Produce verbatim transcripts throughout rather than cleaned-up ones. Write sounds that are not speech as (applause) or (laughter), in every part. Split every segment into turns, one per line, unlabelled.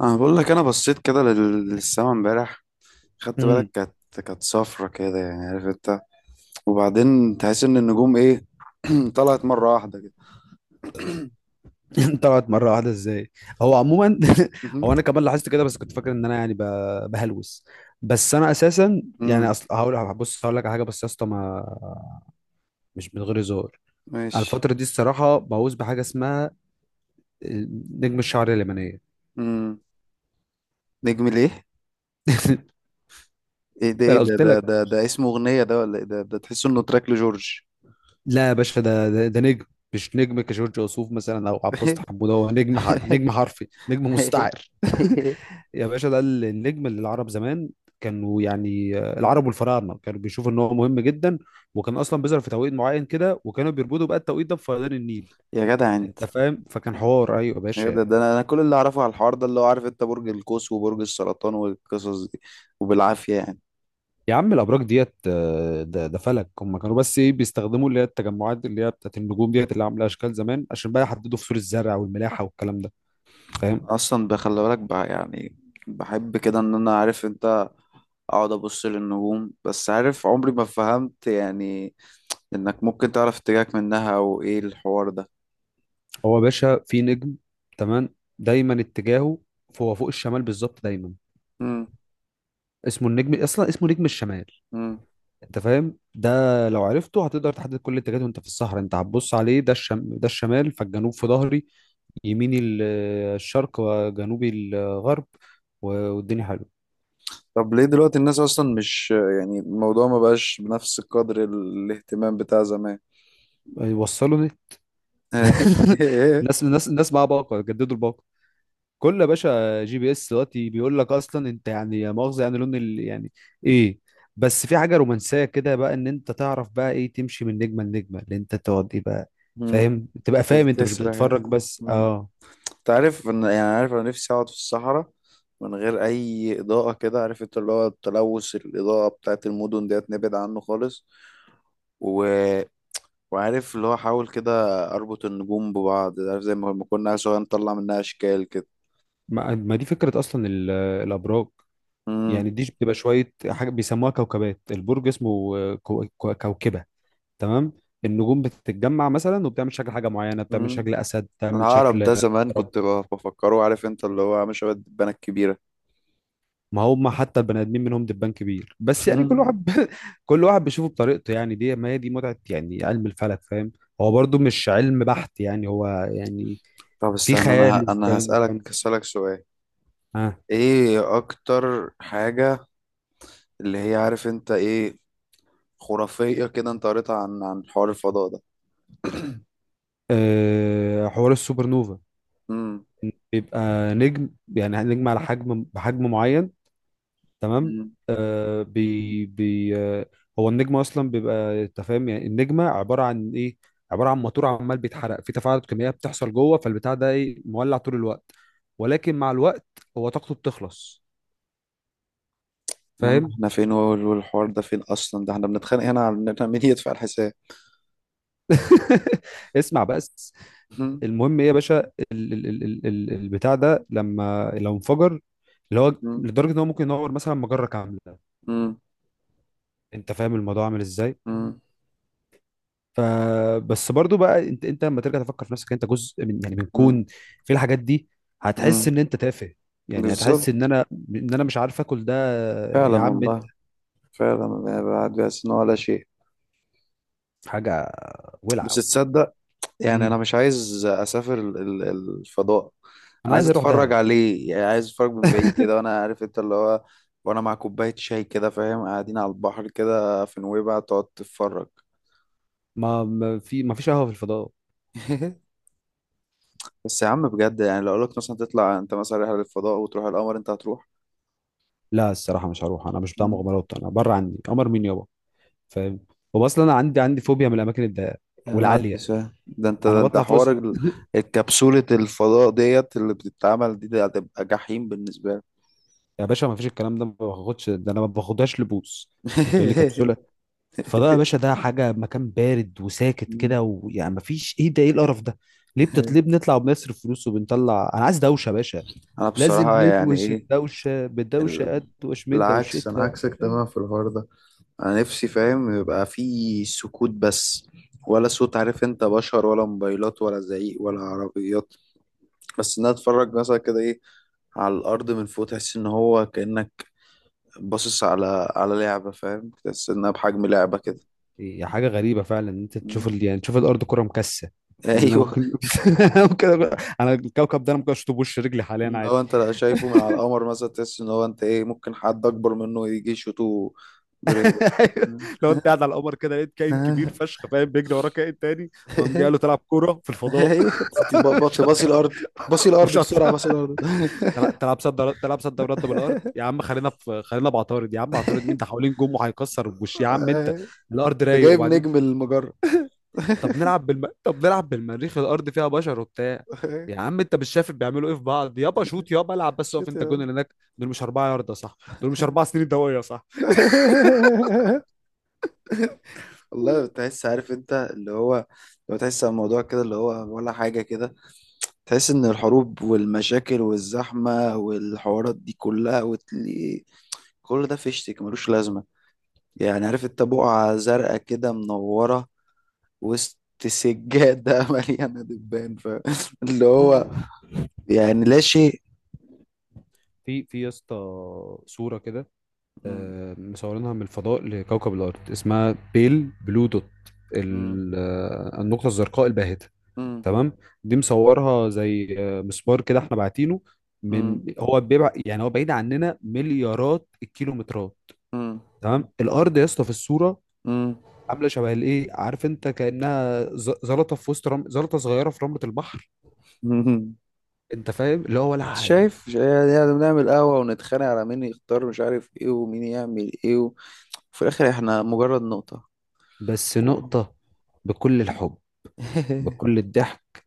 انا بقول لك انا بصيت كده لل- للسما امبارح، خدت
امم
بالك؟ كانت كانت صفرة كده، يعني عارف انت. وبعدين تحس ان النجوم ايه، (clears throat) طلعت مرة واحدة كده. (clears throat)
(laughs) طلعت مره واحده ازاي؟ هو عموما (laughs) هو انا
مهم.
كمان لاحظت كده بس كنت فاكر ان انا يعني ب- بهلوس. بس انا اساسا
امم.
يعني اصل هقول بص هقول لك على حاجه، بس يا اسطى ما مش من غير هزار. على
ماشي.
الفتره دي الصراحه مهووس بحاجه اسمها نجم الشعر اليمنيه.
امم. نجم ليه؟
(laughs)
ايه ده؟ ايه
انا
ده؟
قلت
ده
لك،
ده, ده اسمه اغنية ده ولا ايه؟ ده ده تحس انه تراك لجورج.
لا يا باشا ده ده, ده نجم. مش نجم كجورج وسوف مثلا او عباس حموده، هو نجم ح- نجم
(laughs)
حرفي، نجم مستعر. (laughs) يا باشا ده ال- النجم اللي العرب زمان كانوا يعني آه، العرب والفراعنه كانوا بيشوفوا ان هو مهم جدا، وكان اصلا بيظهر في توقيت معين كده، وكانوا بيربطوا بقى التوقيت ده بفيضان النيل.
يا جدع انت.
انت فاهم؟ فكان حوار. ايوه يا
يا
باشا.
جدع، ده انا أنا كل اللي اعرفه على الحوار ده اللي هو عارف انت برج القوس وبرج السرطان والقصص دي. وبالعافية يعني.
يا عم الابراج ديت آه، ده ده فلك. هم كانوا بس ايه بيستخدموا اللي هي التجمعات اللي هي بتاعت النجوم ديت اللي عامله اشكال زمان، عشان بقى يحددوا فصول الزرع والملاحه والكلام ده. فاهم؟
اصلا ده خلي بالك بقى يعني. بحب كده ان انا، عارف انت، اقعد ابص للنجوم. بس عارف، عمري ما فهمت يعني انك ممكن تعرف اتجاهك منها او ايه الحوار ده.
هو يا باشا في نجم تمام دايما اتجاهه، هو فوق الشمال بالظبط دايما.
امم.
اسمه النجم، اصلا اسمه نجم الشمال.
امم.
انت فاهم ده؟ لو عرفته هتقدر تحدد كل الاتجاهات وانت في الصحراء. انت هتبص عليه ده الشم... ده الشمال، فالجنوب في ظهري، يميني ال- الشرق، وجنوبي الغرب، و- والدنيا حلوه.
طب ليه دلوقتي الناس اصلا مش، يعني الموضوع ما بقاش بنفس قدر ال- الاهتمام بتاع زمان.
وصلوا لي. (laughs)
(laughs)
الناس الناس الناس معاها باقه، جددوا الباقه. كل يا باشا جي بي اس دلوقتي بيقول لك اصلا انت يعني يا مؤاخذه يعني لون ال... يعني ايه. بس في حاجه رومانسيه كده بقى، ان انت تعرف بقى ايه تمشي من نجمه لنجمه اللي انت تقعد ايه بقى.
امم.
فاهم؟ تبقى فاهم انت، مش
تسرح يعني.
بتتفرج بس اه.
انت عارف ان، يعني عارف، انا نفسي اقعد في الصحراء من غير اي اضاءه كده، عارف انت، اللي هو التلوث الاضاءه بتاعت المدن ديت، نبعد عنه خالص. و... وعارف اللي هو، حاول كده اربط النجوم ببعض، عارف، زي ما لما كنا سوا نطلع منها اشكال كده.
ما ما دي فكرة أصلا ال- الأبراج.
امم.
يعني دي بتبقى شوية حاجة بيسموها كوكبات، البرج اسمه كو- كو- كوكبة. تمام. النجوم بتتجمع مثلا وبتعمل شكل حاجة معينة، بتعمل
امم.
شكل أسد، بتعمل
العقرب
شكل
ده زمان
عقرب.
كنت ب- بفكره، عارف انت، اللي هو عامل شبه الدبانه الكبيره.
ما هم حتى البني آدمين منهم دبان كبير، بس يعني كل
(laughs)
واحد (laughs) كل واحد بيشوفه بطريقته. يعني دي ما هي دي متعة يعني علم الفلك، فاهم؟ هو برضو مش علم بحت، يعني هو يعني
طب
في
استنى، انا
خيال.
ه... انا
وفاهم
هسالك
وفاهم
هسالك سؤال.
ها.
ايه اكتر حاجه اللي هي، عارف انت، ايه، خرافية كده، انت قريتها عن عن حوار الفضاء ده؟
أه حوار السوبر نوفا.
امم.
بيبقى نجم، يعني نجم على حجم بحجم معين. تمام.
امم.
آه بي بي آه، هو النجم اصلا بيبقى انت فاهم يعني النجمه عباره عن ايه؟ عباره عن موتور عمال بيتحرق في تفاعلات كيميائيه بتحصل جوه فالبتاع ده، ايه مولع طول الوقت. ولكن مع الوقت هو طاقته بتخلص.
يا عم
فاهم؟
احنا فين وال- والحوار ده فين؟ اصلا ده احنا بنتخانق هنا على ان احنا مين يدفع الحساب.
(laughs) اسمع بس.
امم.
المهم ايه يا باشا ال ال ال ال ال- البتاع ده لما لو انفجر، اللي هو
امم.
لدرجه ان هو ممكن ينور مثلا مجره كامله.
امم.
انت فاهم الموضوع عامل ازاي؟
امم.
فبس برضو بقى انت انت لما ترجع تفكر في نفسك انت جزء من يعني من
امم.
كون، في الحاجات دي، هتحس
امم.
ان انت تافه. يعني هتحس
بالظبط.
ان انا، ان انا مش عارف اكل ده،
فعلا
يا عم بنت
والله. فعلا أنا بعد بس ان هو ولا شيء.
حاجه. ولعه
بس
والله.
تصدق، يعني انا
امم،
مش عايز اسافر ال- ال- الفضاء.
انا
انا عايز
عايز اروح
اتفرج
دهب.
عليه يعني، عايز اتفرج من بعيد كده،
(laughs)
وانا عارف انت اللي هو، وانا مع كوباية شاي كده، فاهم، قاعدين على البحر كده في نويبع، تقعد تتفرج.
ما ما في ما فيش قهوه في الفضاء.
(laughs) بس يا عم بجد، يعني لو اقول لك مثلا تطلع انت مثلا رحله للفضاء وتروح القمر، انت هتروح؟
لا الصراحه مش هروح، انا مش بتاع
مم.
مغامرات، انا بره عني قمر مين يابا. فاهم؟ هو اصلا انا عندي عندي فوبيا من الاماكن الضيقه
يا نهار
والعاليه.
اسود، ده انت،
انا
ده انت
بطلع فوق
حوار
الس-
ال-
(laughs)
الكبسولة الفضاء ديت اللي بتتعمل دي، ده هتبقى جحيم بالنسبة لك.
يا باشا ما فيش الكلام ده، ما باخدش ده، انا ما باخدهاش لبوس. تقول لي كبسوله؟ فده يا باشا
(laughs)
ده حاجة مكان بارد وساكت
مم.
كده، ويعني مفيش ايه ده، ايه القرف ده. ليه بتت... ليه بنطلع وبنصرف فلوس وبنطلع، انا عايز دوشة يا باشا.
انا
لازم
بصراحة يعني
ندوش
ايه،
الدوشة بدوشة،
ال...
ادوش من
العكس، انا
دوشتها
عكسك تماما
عشان.
في الحوار ده. انا نفسي، فاهم، يبقى في سكوت بس، ولا صوت، عارف انت، بشر ولا موبايلات ولا زعيق ولا عربيات. بس ان انا اتفرج مثلا كده، ايه، على الارض من فوق، تحس ان هو كانك باصص على على لعبه، فاهم، تحس انها بحجم لعبه كده.
هي حاجة غريبة فعلا ان انت تشوف
مم.
ال... يعني تشوف الارض كرة مكسة.
(laughs)
ان انا
ايوه.
ممكن (laughs) ممكن أبقى- انا الكوكب ده انا ممكن اشطب وش رجلي حاليا
ان
عادي.
هو انت لو شايفه من على القمر مثلا، تحس ان هو انت ايه ممكن حد اكبر منه يجي يشوطه برجله.
(laughs) أيوة.
مم.
لو انت قاعد على القمر كده لقيت كائن كبير
(laughs)
فشخ، فاهم، بيجري وراه كائن تاني وقام جاي قال له تلعب كوره في الفضاء.
ايوه تدي- ب-
(laughs)
ب-
مش
تباصي
هتك-
الارض، باصي الارض
مش
بسرعه،
هطلع.
باصي الارض.
تلع-
(laughs)
تلعب صد رد- تلعب صد ورد بالارض؟ يا عم خلينا في، خلينا بعطارد. يا عم عطارد مين ده، حوالين جم وهيكسر بوش يا عم انت.
أيوة.
الارض
انت
رايق
جايب
وبعدين.
نجم المجره.
طب نلعب بالم... طب نلعب بالمريخ، الارض فيها بشر وبتاع.
(laughs)
يا عم انت مش شايف بيعملوا ايه في بعض؟ يابا شوت يابا، العب بس اقف
شوت يا
انت الجون.
عم.
اللي هناك دول مش اربعه يارده صح؟ دول مش اربع سنين ضوئيه صح؟
(laughs) والله تحس، عارف انت اللي هو، لو تحس على الموضوع كده اللي هو ولا حاجة كده، تحس ان الحروب والمشاكل والزحمة والحوارات دي كلها، وتلاقي كل ده فيشتك ملوش لازمة. يعني، عارف انت، بقعة زرقاء كده منورة وسط سجادة (laughs) مليانة دبان، ف اللي
مم.
هو يعني لا شيء.
في في يا اسطى صوره كده
مم،
آه، مصورينها من الفضاء لكوكب الارض اسمها بيل بلو دوت.
مم،
ال- آه، النقطه الزرقاء الباهته.
مم،
تمام. دي مصورها زي آه، مسمار كده احنا باعتينه،
مم،
من هو بيبع يعني هو بعيد عننا مليارات الكيلومترات. تمام. الارض يا اسطى في الصوره
مم،
عامله شبه الايه عارف انت، كانها ز- زلطه في وسط رم... زلطه صغيره في رمله البحر.
مم. (laughs)
انت فاهم اللي هو ولا حاجه.
شايف، يعني يعني بنعمل قهوة ونتخانق على مين يختار، مش عارف ايه، ومين يعمل ايه و... وفي الآخر احنا مجرد نقطة
بس
و...
نقطه، بكل الحب،
(laughs)
بكل الضحك،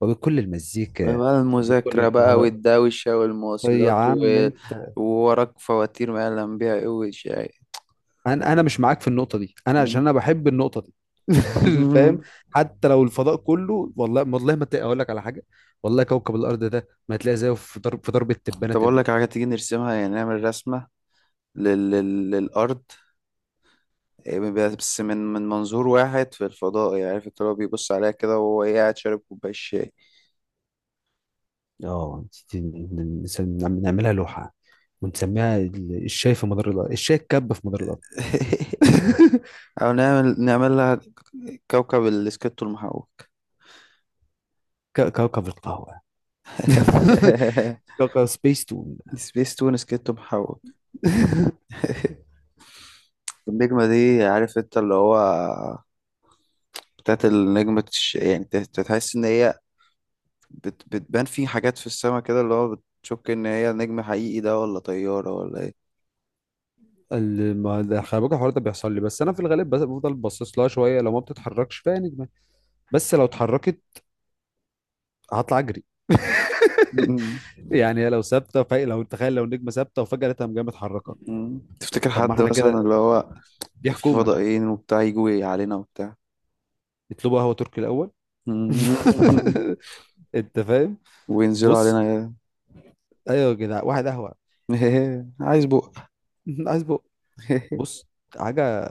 وبكل المزيكا،
بقى
وبكل
المذاكرة بقى
القهار،
والدوشة
يا
والمواصلات
عم
و...
انت.
ووراك فواتير ما يعلم بيها ايه، وشاي.
انا انا مش معاك في النقطه دي، انا عشان انا بحب النقطه دي. (laughs) فاهم؟
(laughs)
حتى لو الفضاء كله، والله والله ما تلاقي، اقول لك على حاجه، والله كوكب الارض ده ما هتلاقي زيه في ضرب، في ضربه تبانه
طب أقول
تم.
لك على حاجة، تيجي نرسمها؟ يعني نعمل رسمة لل... لل... للأرض، إيه، بس من من منظور واحد في الفضاء، يعني عارف انت اللي هو بيبص عليها كده وهو، إيه، قاعد شارب كوباية شاي.
اه ت- ت- نعم- نعملها لوحة ونسميها ال- الشاي في مدار الأرض، الشاي الكب في مدار الأرض.
(laughs)
(laughs)
او نعمل نعمل لها كوكب السكيتو المحوك.
ك- كوكب القهوة. (laughs)
(laughs)
كوكب سبيس تون.
سبيس تون سكيتو محوك.
(laughs)
(laughs) النجمة دي، عارف انت اللي هو بتاعت النجمة تش... يعني تت- تحس ان هي بت... بتبان في حاجات في السماء كده اللي هو بتشك ان هي نجم حقيقي ده ولا طيارة ولا ايه.
ال- ما ده خلي بالك الحوار ده بيحصل لي، بس انا في الغالب بس- بفضل باصص لها شويه لو ما بتتحركش فيها نجمه. بس لو اتحركت هطلع اجري.
(laughs) مم.
يعني هي لو ثابته، فهي لو تخيل لو النجمه ثابته وفجاه لقيتها قام جايه متحركه.
مم. تفتكر
طب ما
حد
احنا
مثلا
كده،
اللي هو
دي
في
حكومه،
فضائيين وبتاع يجوا علينا وبتاع؟
يطلبوا قهوه تركي الاول.
(laughs) مم.
(laughs) انت فاهم؟
وينزلوا علينا
بص،
كده.
ايوه يا جدع واحد قهوه.
(laughs) عايز بق.
(laughs) عايز بق.
(laughs)
بص حاجه،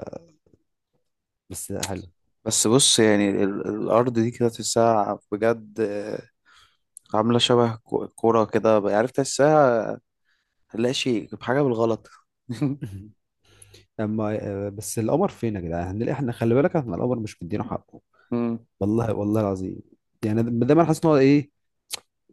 بس حلو.
بس بص، يعني ال- الأرض دي كده تحسها بجد، آه، عاملة شبه كو- كورة كده، عارف تحسها هنلاقي شيء بحاجة بالغلط. (laughs)
(laughs) اما آه، بس القمر فين يا جدع؟ هنلاقي احنا، خلي بالك احنا القمر مش مدينه حقه،
مم.
والله والله العظيم. يعني ده ده ما انا حاسس ان هو ايه،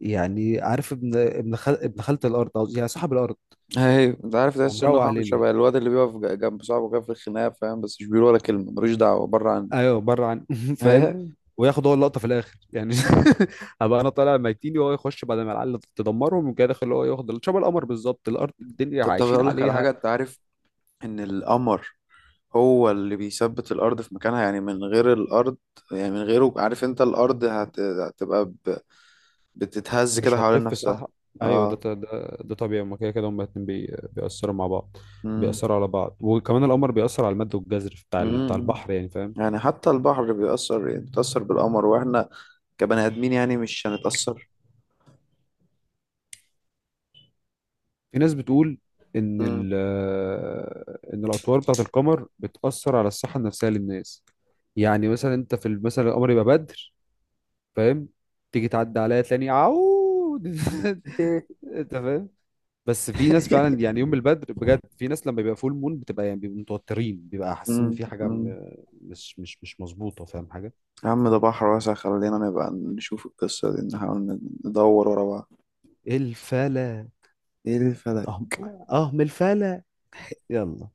يعني عارف ابن ابن خال ابن خالة الارض قصدي، يعني صاحب الارض.
أيوة، أنت عارف
هو
تحس إن هو
مروق
عامل
علينا.
شبه الواد اللي بيقف ج- جنب صاحبه كده في الخناقة، فاهم، بس مش بيقول ولا كلمة، ملوش دعوة، بره عني.
ايوه بره عن (laughs) فاهم؟
أيوة.
وياخد هو اللقطه في الاخر يعني. (laughs) هبقى انا طالع ميتيني وهو يخش بعد ما العيال تدمرهم ويجي داخل هو ياخد ال- شبه القمر بالظبط. الارض
(laughs)
الدنيا
طب طب
عايشين
أقول لك على
عليها.
حاجة، أنت عارف إن القمر هو اللي بيثبت الأرض في مكانها؟ يعني من غير الأرض، يعني من غيره، عارف أنت، الأرض هت... هتبقى ب... بتتهز
مش
كده حوالين
هتلف
نفسها.
صح؟ ايوه ده
اه.
ط- ده ده طبيعي، هما كده كده هما الاتنين بي... بيأثروا مع بعض، بيأثروا على بعض. وكمان القمر بيأثر على المد والجزر بتاع ال... بتاع
امم.
البحر يعني، فاهم؟
يعني حتى البحر بيأثر، يعني بيتأثر بالقمر، واحنا كبني آدمين يعني مش هنتأثر؟
في ناس بتقول ان
امم.
ال... ان الاطوار بتاعت القمر بتأثر على الصحه النفسيه للناس. يعني مثلا انت في ال- مثلا القمر يبقى بدر، فاهم؟ تيجي تعدي عليا تلاقيني عود. (laughs) انت فاهم؟ بس في ناس فعلا،
(laughs)
يعني يوم البدر بجد في ناس لما بيبقى فول مون بتبقى يعني بيبقوا متوترين، بيبقى حاسين ان
امم.
في حاجه م...
أمم.
مش مش مش مظبوطه، فاهم حاجه.
يا عم ده بحر واسع، خلينا نبقى نشوف القصة دي، نحاول ندور ورا بعض.
الفلا،
ايه الفلك؟
اهم اهم، الفلا. يلا.